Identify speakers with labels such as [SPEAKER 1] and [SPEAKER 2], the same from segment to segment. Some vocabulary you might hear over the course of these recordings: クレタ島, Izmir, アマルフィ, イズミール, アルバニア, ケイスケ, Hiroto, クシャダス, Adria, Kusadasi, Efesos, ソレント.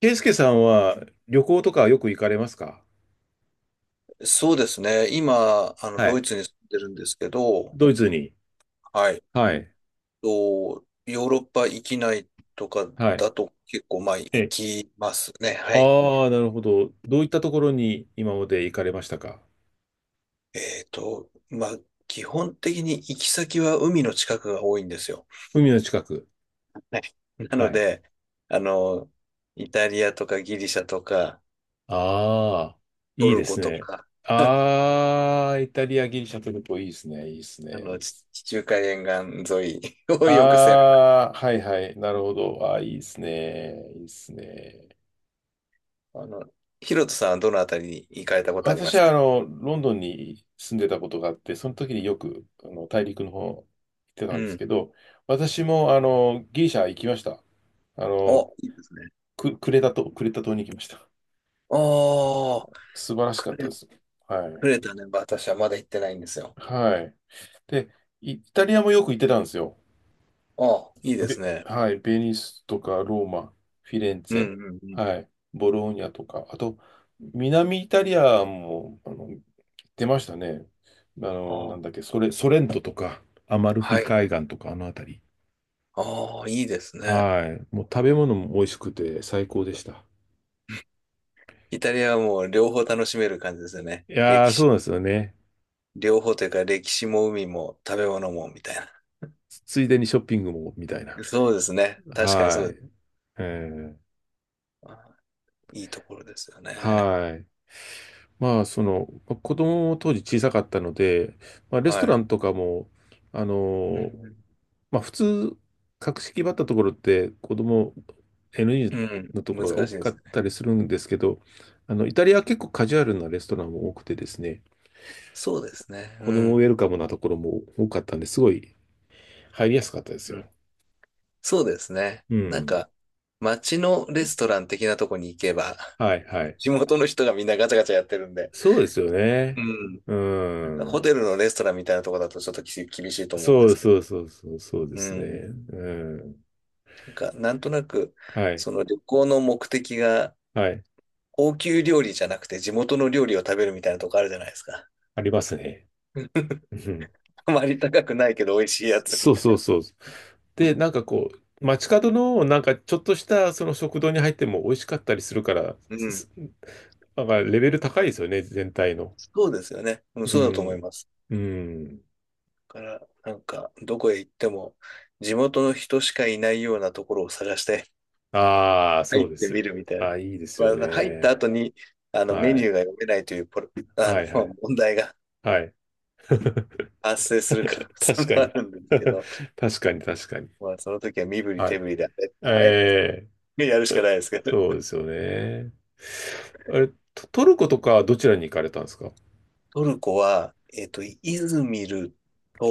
[SPEAKER 1] ケイスケさんは旅行とかよく行かれますか？
[SPEAKER 2] そうですね。今、
[SPEAKER 1] は
[SPEAKER 2] ドイ
[SPEAKER 1] い。
[SPEAKER 2] ツに住んでるんですけど、
[SPEAKER 1] ドイツに。
[SPEAKER 2] はい。
[SPEAKER 1] はい。
[SPEAKER 2] と、ヨーロッパ域きないとか
[SPEAKER 1] はい。
[SPEAKER 2] だと結構、まあ、行
[SPEAKER 1] え、
[SPEAKER 2] きますね。は
[SPEAKER 1] あ
[SPEAKER 2] い。
[SPEAKER 1] あー、なるほど。どういったところに今まで行かれましたか？
[SPEAKER 2] まあ、基本的に行き先は海の近くが多いんですよ。
[SPEAKER 1] 海の近く。
[SPEAKER 2] はい。な
[SPEAKER 1] は
[SPEAKER 2] の
[SPEAKER 1] い。
[SPEAKER 2] で、あの、イタリアとかギリシャとか、
[SPEAKER 1] ああ、
[SPEAKER 2] ト
[SPEAKER 1] いいで
[SPEAKER 2] ルコ
[SPEAKER 1] す
[SPEAKER 2] と
[SPEAKER 1] ね。
[SPEAKER 2] か、
[SPEAKER 1] ああ、イタリア、ギリシャトルコ、いいですね。いいですね。いいっ
[SPEAKER 2] 地
[SPEAKER 1] す
[SPEAKER 2] 地中海沿岸沿いをよく攻める。
[SPEAKER 1] ああ、はいはい。なるほど。ああ、いいですね。いいですね。
[SPEAKER 2] あの、ヒロトさんはどのあたりに行かれたことありま
[SPEAKER 1] 私
[SPEAKER 2] す
[SPEAKER 1] は
[SPEAKER 2] か？
[SPEAKER 1] ロンドンに住んでたことがあって、その時によく大陸の方行ってた
[SPEAKER 2] う
[SPEAKER 1] んです
[SPEAKER 2] ん。
[SPEAKER 1] けど、私もギリシャ行きました。あの、
[SPEAKER 2] お、いいですね。
[SPEAKER 1] クレタ島、クレタ島に行きました。
[SPEAKER 2] ああ、
[SPEAKER 1] 素晴らしか
[SPEAKER 2] く
[SPEAKER 1] った
[SPEAKER 2] れ、
[SPEAKER 1] です。は
[SPEAKER 2] く
[SPEAKER 1] い。
[SPEAKER 2] れたね。私はまだ行ってないんですよ。
[SPEAKER 1] はい。で、イタリアもよく行ってたんですよ。
[SPEAKER 2] ああ、いいですね。
[SPEAKER 1] はい、ベニスとかローマ、フィレンツ
[SPEAKER 2] う
[SPEAKER 1] ェ、
[SPEAKER 2] んうんうん。
[SPEAKER 1] はい、ボローニャとか、あと、南イタリアも、出ましたね。
[SPEAKER 2] あ
[SPEAKER 1] なん
[SPEAKER 2] あ、
[SPEAKER 1] だっけ、ソレントとか、アマルフ
[SPEAKER 2] は
[SPEAKER 1] ィ
[SPEAKER 2] い。
[SPEAKER 1] 海岸とか、あの辺り。
[SPEAKER 2] ああ、いいですね。
[SPEAKER 1] はい。もう食べ物も美味しくて最高でした。
[SPEAKER 2] イタリアはもう両方楽しめる感じですよね。
[SPEAKER 1] いや
[SPEAKER 2] 歴
[SPEAKER 1] ー、そう
[SPEAKER 2] 史、
[SPEAKER 1] なんですよね。
[SPEAKER 2] 両方というか歴史も海も食べ物もみたいな。
[SPEAKER 1] ついでにショッピングも、みたいな。
[SPEAKER 2] そうですね。確かに
[SPEAKER 1] は
[SPEAKER 2] そうで
[SPEAKER 1] い。
[SPEAKER 2] す。
[SPEAKER 1] えー、
[SPEAKER 2] あいいところですよね。
[SPEAKER 1] はい。まあ、その、まあ子供も当時小さかったので、まあ、レス
[SPEAKER 2] は
[SPEAKER 1] トラ
[SPEAKER 2] い。
[SPEAKER 1] ンとかも、あ
[SPEAKER 2] う
[SPEAKER 1] のー
[SPEAKER 2] ん
[SPEAKER 1] まあ普通、格式ばったところって子供 n
[SPEAKER 2] う
[SPEAKER 1] 0
[SPEAKER 2] ん。
[SPEAKER 1] のと
[SPEAKER 2] う
[SPEAKER 1] こ
[SPEAKER 2] ん、
[SPEAKER 1] ろが多
[SPEAKER 2] 難しいで
[SPEAKER 1] か
[SPEAKER 2] す
[SPEAKER 1] っ
[SPEAKER 2] ね。
[SPEAKER 1] たりするんですけど、イタリアは結構カジュアルなレストランも多くてですね、
[SPEAKER 2] そうですね。う
[SPEAKER 1] 子供ウェ
[SPEAKER 2] ん。
[SPEAKER 1] ルカムなところも多かったんで、すごい入りやすかったです
[SPEAKER 2] う
[SPEAKER 1] よ。
[SPEAKER 2] ん、そうですね。
[SPEAKER 1] う
[SPEAKER 2] なん
[SPEAKER 1] ん。
[SPEAKER 2] か、街のレストラン的なとこに行けば
[SPEAKER 1] はいはい。
[SPEAKER 2] 地元の人がみんなガチャガチャやってるんで。
[SPEAKER 1] そうですよ
[SPEAKER 2] う
[SPEAKER 1] ね。
[SPEAKER 2] ん。
[SPEAKER 1] う
[SPEAKER 2] なんかホ
[SPEAKER 1] ん。
[SPEAKER 2] テルのレストランみたいなとこだとちょっと厳しいと思うんで
[SPEAKER 1] そ
[SPEAKER 2] す
[SPEAKER 1] う
[SPEAKER 2] けど。
[SPEAKER 1] そうそうそう、そうで
[SPEAKER 2] う
[SPEAKER 1] すね。
[SPEAKER 2] ん。
[SPEAKER 1] うん。
[SPEAKER 2] なんか、なんとなく、
[SPEAKER 1] はい。
[SPEAKER 2] その旅行の目的が、
[SPEAKER 1] はい。
[SPEAKER 2] 高級料理じゃなくて地元の料理を食べるみたいなとこあるじゃないですか。
[SPEAKER 1] ありますね。
[SPEAKER 2] うん、
[SPEAKER 1] うん
[SPEAKER 2] あまり高くないけど美味しいやつみ
[SPEAKER 1] そう
[SPEAKER 2] た
[SPEAKER 1] そ
[SPEAKER 2] い
[SPEAKER 1] う
[SPEAKER 2] な。
[SPEAKER 1] そう。で、なんかこう、街角のなんかちょっとしたその食堂に入っても美味しかったりするから、
[SPEAKER 2] うん。
[SPEAKER 1] なんかレベル高いですよね、全体の。
[SPEAKER 2] そうですよね。うん、
[SPEAKER 1] う
[SPEAKER 2] そうだと思い
[SPEAKER 1] ん。
[SPEAKER 2] ます。
[SPEAKER 1] うん。
[SPEAKER 2] だから、なんか、どこへ行っても、地元の人しかいないようなところを探して
[SPEAKER 1] ああ、そう
[SPEAKER 2] 入っ
[SPEAKER 1] で
[SPEAKER 2] てみ
[SPEAKER 1] す。
[SPEAKER 2] るみたいな。
[SPEAKER 1] ああ、いいですよ
[SPEAKER 2] まあ、入った
[SPEAKER 1] ね。
[SPEAKER 2] 後に、メ
[SPEAKER 1] は
[SPEAKER 2] ニュー
[SPEAKER 1] い。
[SPEAKER 2] が読めないというポロ、あ
[SPEAKER 1] は
[SPEAKER 2] の、
[SPEAKER 1] いはい。
[SPEAKER 2] 問題が
[SPEAKER 1] はい。
[SPEAKER 2] 発生する可能
[SPEAKER 1] 確
[SPEAKER 2] 性
[SPEAKER 1] か
[SPEAKER 2] もあ
[SPEAKER 1] に。
[SPEAKER 2] るんですけ ど、
[SPEAKER 1] 確かに確かに。
[SPEAKER 2] まあ、その時は身振り
[SPEAKER 1] は
[SPEAKER 2] 手
[SPEAKER 1] い。
[SPEAKER 2] 振りで、あれ、あ
[SPEAKER 1] ええ、
[SPEAKER 2] れやるしかないですけど。
[SPEAKER 1] そうですよね。あれ、トルコとかはどちらに行かれたんですか？
[SPEAKER 2] トルコは、イズミル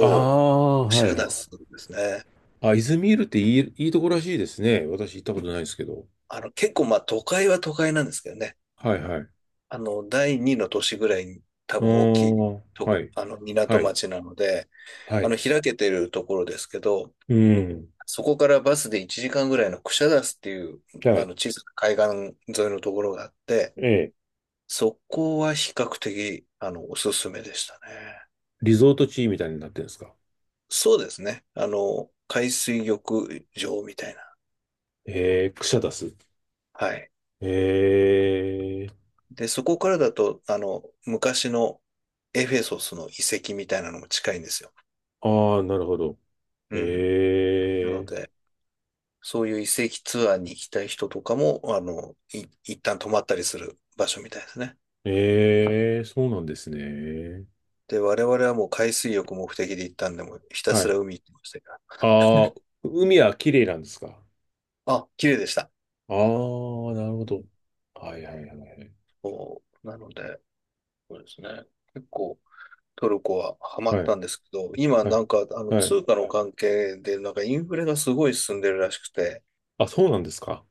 [SPEAKER 1] ああ、
[SPEAKER 2] シ
[SPEAKER 1] はい
[SPEAKER 2] ャ
[SPEAKER 1] は
[SPEAKER 2] ダ
[SPEAKER 1] い。
[SPEAKER 2] スですね。
[SPEAKER 1] あ、イズミールっていいとこらしいですね。私行ったことないですけど。
[SPEAKER 2] 結構、まあ、都会は都会なんですけどね。
[SPEAKER 1] はいはい。
[SPEAKER 2] 第二の都市ぐらいに多
[SPEAKER 1] あ
[SPEAKER 2] 分大き
[SPEAKER 1] あ、
[SPEAKER 2] いと、
[SPEAKER 1] はい。は
[SPEAKER 2] 港
[SPEAKER 1] い。
[SPEAKER 2] 町なので、
[SPEAKER 1] はい。
[SPEAKER 2] 開けてるところですけど、
[SPEAKER 1] うん。
[SPEAKER 2] そこからバスで1時間ぐらいのクシャダスっていう、
[SPEAKER 1] はい。
[SPEAKER 2] 小さな海岸沿いのところがあって、
[SPEAKER 1] ええ。
[SPEAKER 2] そこは比較的、おすすめでしたね。
[SPEAKER 1] リゾート地みたいになってるんですか？
[SPEAKER 2] そうですね。海水浴場みたいな。
[SPEAKER 1] ええ、クシャダス。
[SPEAKER 2] はい。
[SPEAKER 1] ええ。
[SPEAKER 2] で、そこからだと、昔のエフェソスの遺跡みたいなのも近いんですよ。
[SPEAKER 1] ああ、なるほど。
[SPEAKER 2] うん。な
[SPEAKER 1] え
[SPEAKER 2] の
[SPEAKER 1] え。
[SPEAKER 2] で、そういう遺跡ツアーに行きたい人とかも、一旦泊まったりする場所みたいですね。
[SPEAKER 1] ええ、そうなんですね。
[SPEAKER 2] で、我々はもう海水浴目的で行ったんで、もうひた
[SPEAKER 1] は
[SPEAKER 2] すら
[SPEAKER 1] い。
[SPEAKER 2] 海行ってましたか
[SPEAKER 1] ああ、海は綺麗なんですか？
[SPEAKER 2] ら。あ、綺麗でした。
[SPEAKER 1] ああ、なるほ
[SPEAKER 2] う
[SPEAKER 1] ど。
[SPEAKER 2] ん。
[SPEAKER 1] はいはいはいはい。
[SPEAKER 2] そうなので、そうですね。結構トルコはハマっ
[SPEAKER 1] はい。
[SPEAKER 2] たんですけど、今
[SPEAKER 1] は
[SPEAKER 2] な
[SPEAKER 1] い。
[SPEAKER 2] んかあの
[SPEAKER 1] はい。
[SPEAKER 2] 通貨の関係でなんかインフレがすごい進んでるらしくて、
[SPEAKER 1] あ、そうなんですか？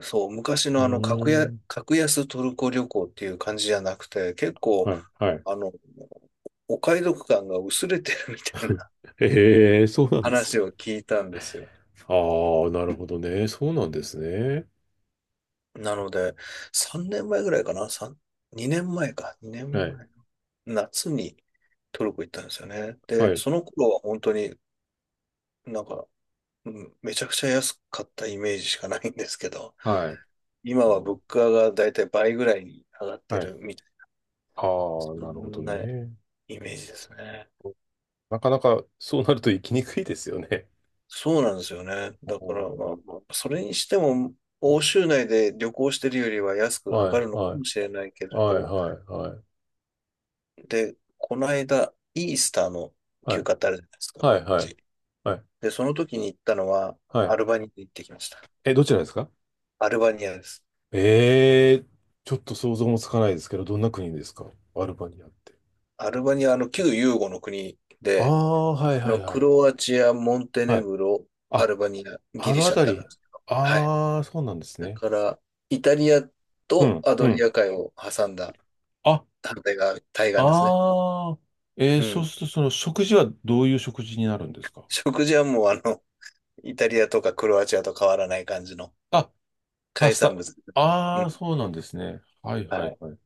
[SPEAKER 2] そう、昔
[SPEAKER 1] う
[SPEAKER 2] の格
[SPEAKER 1] ー
[SPEAKER 2] 安、
[SPEAKER 1] ん。
[SPEAKER 2] 格安トルコ旅行っていう感じじゃなくて、結構
[SPEAKER 1] はい、はい。
[SPEAKER 2] あの、お買い得感が薄れてるみたい な
[SPEAKER 1] ええ、そうなんです
[SPEAKER 2] 話
[SPEAKER 1] か？
[SPEAKER 2] を聞いたんですよ。
[SPEAKER 1] ああ、なるほどね。そうなんですね。
[SPEAKER 2] なので、3年前ぐらいかな？ 3、2年前か。2
[SPEAKER 1] はい、
[SPEAKER 2] 年前の夏にトルコ行ったんですよね。
[SPEAKER 1] は
[SPEAKER 2] で、
[SPEAKER 1] い、
[SPEAKER 2] その頃は本当になんか、うん、めちゃくちゃ安かったイメージしかないんですけど、
[SPEAKER 1] はい。
[SPEAKER 2] 今
[SPEAKER 1] う
[SPEAKER 2] は物
[SPEAKER 1] ん
[SPEAKER 2] 価がだいたい倍ぐらいに上がって
[SPEAKER 1] はい。
[SPEAKER 2] るみたいな、
[SPEAKER 1] ああ、
[SPEAKER 2] そ
[SPEAKER 1] なるほど
[SPEAKER 2] んな
[SPEAKER 1] ね。
[SPEAKER 2] イメージですね。
[SPEAKER 1] なかなかそうなると生きにくいですよね。
[SPEAKER 2] そうなんですよね。だから、
[SPEAKER 1] お
[SPEAKER 2] まあそれにしても、欧州内で旅行してるよりは安く
[SPEAKER 1] ー
[SPEAKER 2] 上
[SPEAKER 1] はい、
[SPEAKER 2] がるのか
[SPEAKER 1] はい、
[SPEAKER 2] もしれないけれ
[SPEAKER 1] は
[SPEAKER 2] ど、
[SPEAKER 1] い、はい、
[SPEAKER 2] で、この間、イースターの
[SPEAKER 1] は
[SPEAKER 2] 休
[SPEAKER 1] い、
[SPEAKER 2] 暇ってあるじゃないですか、こ
[SPEAKER 1] はい、
[SPEAKER 2] っ
[SPEAKER 1] はい、はい、
[SPEAKER 2] ち。
[SPEAKER 1] はい。
[SPEAKER 2] で、その時に行ったのは、
[SPEAKER 1] は
[SPEAKER 2] ア
[SPEAKER 1] い
[SPEAKER 2] ルバニアに行ってきました。
[SPEAKER 1] え、どちらですか？
[SPEAKER 2] アルバニアです。
[SPEAKER 1] ええー、ちょっと想像もつかないですけど、どんな国ですか？アルバニアって。
[SPEAKER 2] アルバニア、旧ユーゴの国
[SPEAKER 1] あ
[SPEAKER 2] で、
[SPEAKER 1] あ、はい、はい、は
[SPEAKER 2] ク
[SPEAKER 1] い。
[SPEAKER 2] ロアチア、モンテネ
[SPEAKER 1] はい。
[SPEAKER 2] グロ、ア
[SPEAKER 1] あ、
[SPEAKER 2] ルバニア、ギ
[SPEAKER 1] あ
[SPEAKER 2] リ
[SPEAKER 1] のあ
[SPEAKER 2] シャっ
[SPEAKER 1] た
[SPEAKER 2] てあるん
[SPEAKER 1] り。
[SPEAKER 2] ですけど。はい。
[SPEAKER 1] ああ、そうなんです
[SPEAKER 2] だ
[SPEAKER 1] ね。
[SPEAKER 2] から、イタリア
[SPEAKER 1] う
[SPEAKER 2] と
[SPEAKER 1] ん、
[SPEAKER 2] ア
[SPEAKER 1] う
[SPEAKER 2] ドリ
[SPEAKER 1] ん。
[SPEAKER 2] ア海を挟んだ
[SPEAKER 1] あ、
[SPEAKER 2] 反対側、対岸ですね。
[SPEAKER 1] ああ、
[SPEAKER 2] う
[SPEAKER 1] そう
[SPEAKER 2] ん。
[SPEAKER 1] すると、その食事はどういう食事になるんですか？
[SPEAKER 2] 食事はもう、イタリアとかクロアチアと変わらない感じの
[SPEAKER 1] あ、パ
[SPEAKER 2] 海
[SPEAKER 1] ス
[SPEAKER 2] 産
[SPEAKER 1] タ。
[SPEAKER 2] 物。う
[SPEAKER 1] ああ、
[SPEAKER 2] ん。
[SPEAKER 1] そうなんですね。はい、は
[SPEAKER 2] は
[SPEAKER 1] い、
[SPEAKER 2] い。
[SPEAKER 1] はい。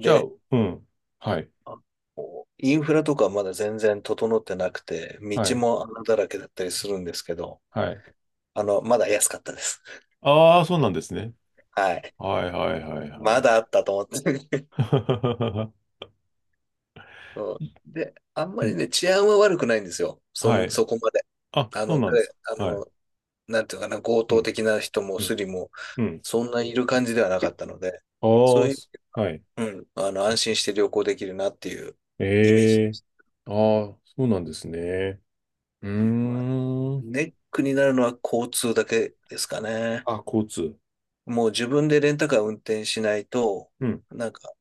[SPEAKER 1] じゃあ、うん。はい、
[SPEAKER 2] あこうインフラとかまだ全然整ってなくて、
[SPEAKER 1] は
[SPEAKER 2] 道
[SPEAKER 1] い、
[SPEAKER 2] も穴だらけだったりするんですけど、
[SPEAKER 1] はい。
[SPEAKER 2] まだ安かったです。
[SPEAKER 1] ああ、そうなんですね。
[SPEAKER 2] はい。
[SPEAKER 1] はい、はい、はい、
[SPEAKER 2] ま
[SPEAKER 1] は
[SPEAKER 2] だあったと思って。そ
[SPEAKER 1] い。
[SPEAKER 2] うで、あん ま
[SPEAKER 1] う
[SPEAKER 2] り
[SPEAKER 1] ん
[SPEAKER 2] ね、治安は悪くないんですよ。
[SPEAKER 1] はい。
[SPEAKER 2] そこまで。
[SPEAKER 1] あ、
[SPEAKER 2] あ
[SPEAKER 1] そう
[SPEAKER 2] の、
[SPEAKER 1] なんで
[SPEAKER 2] 誰
[SPEAKER 1] す
[SPEAKER 2] あ
[SPEAKER 1] か？はい。
[SPEAKER 2] の、なんていうのかな、強
[SPEAKER 1] う
[SPEAKER 2] 盗
[SPEAKER 1] ん、
[SPEAKER 2] 的な人も
[SPEAKER 1] うん、
[SPEAKER 2] スリも、
[SPEAKER 1] うん。
[SPEAKER 2] そんないる感じではなかったので、そ
[SPEAKER 1] あ
[SPEAKER 2] う
[SPEAKER 1] あ、
[SPEAKER 2] いう、
[SPEAKER 1] はい。
[SPEAKER 2] うん、安心して旅行できるなっていうイメージ
[SPEAKER 1] え
[SPEAKER 2] で
[SPEAKER 1] え。
[SPEAKER 2] す。
[SPEAKER 1] ああ、そうなんですね。うー
[SPEAKER 2] まあ、
[SPEAKER 1] ん。
[SPEAKER 2] ネックになるのは交通だけですかね。
[SPEAKER 1] あ、交通。
[SPEAKER 2] もう自分でレンタカー運転しないと、
[SPEAKER 1] うん。
[SPEAKER 2] なんか、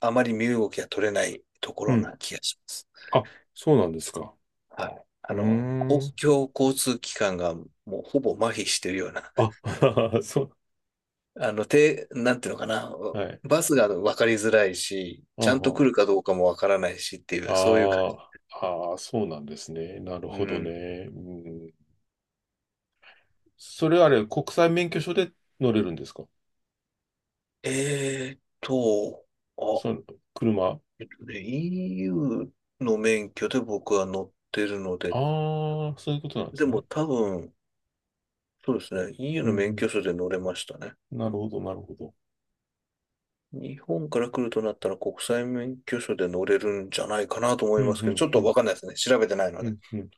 [SPEAKER 2] あまり身動きが取れないとこ
[SPEAKER 1] う
[SPEAKER 2] ろ
[SPEAKER 1] ん。
[SPEAKER 2] な気がします。
[SPEAKER 1] あ、そうなんですか？
[SPEAKER 2] はい。
[SPEAKER 1] うー
[SPEAKER 2] 公
[SPEAKER 1] ん。
[SPEAKER 2] 共交通機関がもうほぼ麻痺してるような、
[SPEAKER 1] あ、そう。
[SPEAKER 2] なんていうのかな、
[SPEAKER 1] はい。
[SPEAKER 2] バスが分かりづらいし、
[SPEAKER 1] あ
[SPEAKER 2] ちゃんと
[SPEAKER 1] は
[SPEAKER 2] 来るかどうかも分からないしって
[SPEAKER 1] あ
[SPEAKER 2] いう、そういう感
[SPEAKER 1] ー
[SPEAKER 2] じ。
[SPEAKER 1] あー、そうなんですね。なる
[SPEAKER 2] う
[SPEAKER 1] ほどね。
[SPEAKER 2] ん。
[SPEAKER 1] うん。それあ
[SPEAKER 2] そう
[SPEAKER 1] れ、国際免許証で乗れるんですか？
[SPEAKER 2] えーっと、あ、
[SPEAKER 1] その、車。
[SPEAKER 2] EU の免許で僕は乗ってるので、
[SPEAKER 1] ああ、そういうことなんで
[SPEAKER 2] で
[SPEAKER 1] すね。
[SPEAKER 2] も多分、そうですね。EU
[SPEAKER 1] う
[SPEAKER 2] の免
[SPEAKER 1] ん
[SPEAKER 2] 許証で乗れましたね。
[SPEAKER 1] うん。なるほど、なるほど。
[SPEAKER 2] 日本から来るとなったら国際免許証で乗れるんじゃないかなと思
[SPEAKER 1] う
[SPEAKER 2] いま
[SPEAKER 1] ん
[SPEAKER 2] す
[SPEAKER 1] う
[SPEAKER 2] けど、ち
[SPEAKER 1] ん
[SPEAKER 2] ょっ
[SPEAKER 1] う
[SPEAKER 2] と
[SPEAKER 1] ん
[SPEAKER 2] わかんないですね。調べてないの
[SPEAKER 1] う
[SPEAKER 2] で。
[SPEAKER 1] んうん。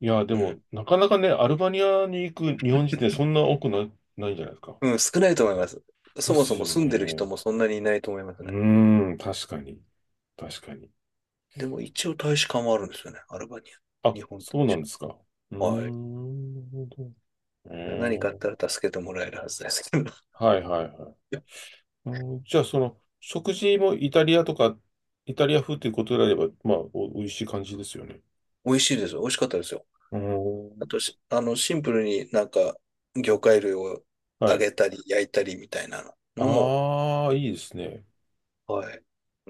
[SPEAKER 1] いや、で
[SPEAKER 2] うん。
[SPEAKER 1] も、なかなかね、アルバニアに行く日本人ってそんな多くな、ないんじゃないですか？
[SPEAKER 2] うん、少ないと思います。
[SPEAKER 1] で
[SPEAKER 2] そも
[SPEAKER 1] す
[SPEAKER 2] そも
[SPEAKER 1] よ
[SPEAKER 2] 住んでる人
[SPEAKER 1] ね。
[SPEAKER 2] もそんなにいないと思います
[SPEAKER 1] う
[SPEAKER 2] ね。
[SPEAKER 1] ーん、確かに。確かに。
[SPEAKER 2] でも一応大使館はあるんですよね。アルバニア。
[SPEAKER 1] あ、
[SPEAKER 2] 日本大
[SPEAKER 1] そうな
[SPEAKER 2] 使
[SPEAKER 1] んで
[SPEAKER 2] 館。
[SPEAKER 1] すか？うー
[SPEAKER 2] はい。
[SPEAKER 1] ん、なるほど。え
[SPEAKER 2] 何かあっ
[SPEAKER 1] ー、
[SPEAKER 2] たら助けてもらえるはずですけど。い
[SPEAKER 1] はいはいはい。
[SPEAKER 2] や、
[SPEAKER 1] うん、じゃあ、その、食事もイタリアとか、イタリア風ということであれば、まあ、美味しい感じですよね。
[SPEAKER 2] 美味しいですよ。美味しかったですよ。
[SPEAKER 1] うー
[SPEAKER 2] あと
[SPEAKER 1] ん、
[SPEAKER 2] し、あの、シンプルになんか魚介類を
[SPEAKER 1] は
[SPEAKER 2] 揚
[SPEAKER 1] い。
[SPEAKER 2] げたり焼いたりみたいなのも。
[SPEAKER 1] ああ、いいですね。
[SPEAKER 2] はい。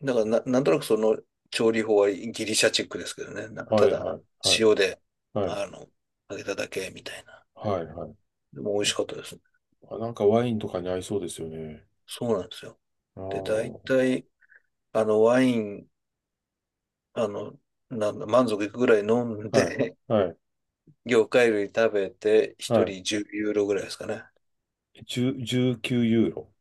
[SPEAKER 2] だからな、なんとなくその調理法はギリシャチックですけどね。なんか
[SPEAKER 1] は
[SPEAKER 2] た
[SPEAKER 1] いは
[SPEAKER 2] だ
[SPEAKER 1] いはい
[SPEAKER 2] 塩で、
[SPEAKER 1] はい。
[SPEAKER 2] あの、揚げただけみたいな。
[SPEAKER 1] はいはい。
[SPEAKER 2] でも美味しかったですね。
[SPEAKER 1] あ、なんかワインとかに合いそうですよね。
[SPEAKER 2] そうなんですよ。
[SPEAKER 1] ああ、
[SPEAKER 2] で、大
[SPEAKER 1] は
[SPEAKER 2] 体、あの、ワイン、あの、なんだ、満足いくぐらい飲ん
[SPEAKER 1] い
[SPEAKER 2] で、
[SPEAKER 1] はい
[SPEAKER 2] 魚介類食べて、
[SPEAKER 1] は
[SPEAKER 2] 一
[SPEAKER 1] い。
[SPEAKER 2] 人10ユーロぐらいですかね。
[SPEAKER 1] 10、19ユーロ。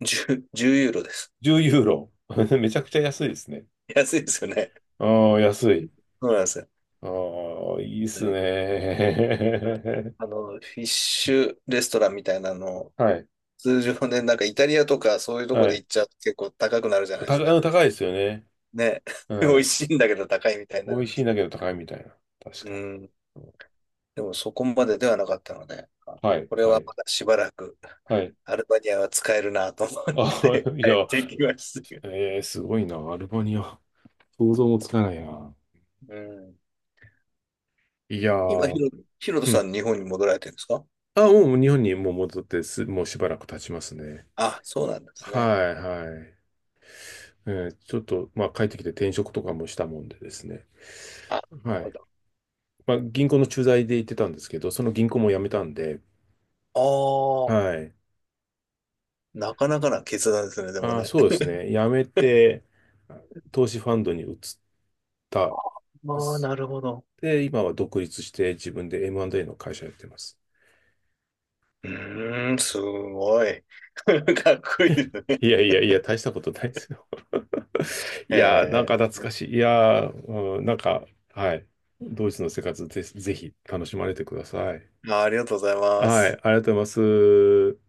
[SPEAKER 2] 10、じゅうユーロです。
[SPEAKER 1] 10ユーロ。めちゃくちゃ安いですね。
[SPEAKER 2] 安いですよね。
[SPEAKER 1] ああ、安い。
[SPEAKER 2] そうなんですよ。
[SPEAKER 1] ああ、いいっす
[SPEAKER 2] で、
[SPEAKER 1] ね。
[SPEAKER 2] フィッシュレストランみたいなの
[SPEAKER 1] はい。
[SPEAKER 2] 通常ね、なんかイタリアとかそういうとこ
[SPEAKER 1] は
[SPEAKER 2] で
[SPEAKER 1] い。
[SPEAKER 2] 行っちゃうと結構高くなるじゃないですか。
[SPEAKER 1] 高いですよね。
[SPEAKER 2] ね。
[SPEAKER 1] う
[SPEAKER 2] 美味
[SPEAKER 1] ん。
[SPEAKER 2] しいんだけど高いみたいにな
[SPEAKER 1] 美
[SPEAKER 2] る
[SPEAKER 1] 味
[SPEAKER 2] んで
[SPEAKER 1] しい
[SPEAKER 2] す
[SPEAKER 1] ん
[SPEAKER 2] け
[SPEAKER 1] だけ
[SPEAKER 2] ど。
[SPEAKER 1] ど高いみたいな。確か
[SPEAKER 2] うん。
[SPEAKER 1] に。
[SPEAKER 2] でもそこまでではなかったので、あ、
[SPEAKER 1] はい、
[SPEAKER 2] これ
[SPEAKER 1] は
[SPEAKER 2] は
[SPEAKER 1] い、
[SPEAKER 2] まだしばらく
[SPEAKER 1] はい。
[SPEAKER 2] アルバニアは使えるなと思っ
[SPEAKER 1] あ、
[SPEAKER 2] て
[SPEAKER 1] いや、
[SPEAKER 2] 帰ってきましたけど。
[SPEAKER 1] えー、すごいな。アルバニア。想像もつかないな。
[SPEAKER 2] うん。
[SPEAKER 1] いや
[SPEAKER 2] 今、ヒ
[SPEAKER 1] ー、
[SPEAKER 2] ロ、ヒロト
[SPEAKER 1] う
[SPEAKER 2] さ
[SPEAKER 1] ん。
[SPEAKER 2] ん日本に戻られてるんですか？
[SPEAKER 1] あ、もう日本にもう戻ってもうしばらく経ちますね。
[SPEAKER 2] あ、そうなんです
[SPEAKER 1] は
[SPEAKER 2] ね。
[SPEAKER 1] い、はい。ちょっと、まあ、帰ってきて転職とかもしたもんでですね。
[SPEAKER 2] あ、なる
[SPEAKER 1] は
[SPEAKER 2] ほ
[SPEAKER 1] い。
[SPEAKER 2] ど。
[SPEAKER 1] まあ、銀行の駐在で行ってたんですけど、その銀行も辞めたんで、
[SPEAKER 2] あ
[SPEAKER 1] はい。
[SPEAKER 2] あ、なかなかな決断ですね、でも
[SPEAKER 1] ああ、
[SPEAKER 2] ね。
[SPEAKER 1] そうですね。辞め て、投資ファンドに移っ
[SPEAKER 2] あ
[SPEAKER 1] た。
[SPEAKER 2] あ、なるほど。
[SPEAKER 1] で、今は独立して自分で M&A の会社やってます。
[SPEAKER 2] うーん、すごい。かっこいいですね。
[SPEAKER 1] いやいやいや、大したことないですよ。い
[SPEAKER 2] へ
[SPEAKER 1] やー、なん
[SPEAKER 2] え。
[SPEAKER 1] か懐かしい。いやー、うん、なんか、はい。ドイツの生活ぜひ楽しまれてください。
[SPEAKER 2] まあ、ありがとうございま
[SPEAKER 1] はい、あり
[SPEAKER 2] す。
[SPEAKER 1] がとうございます。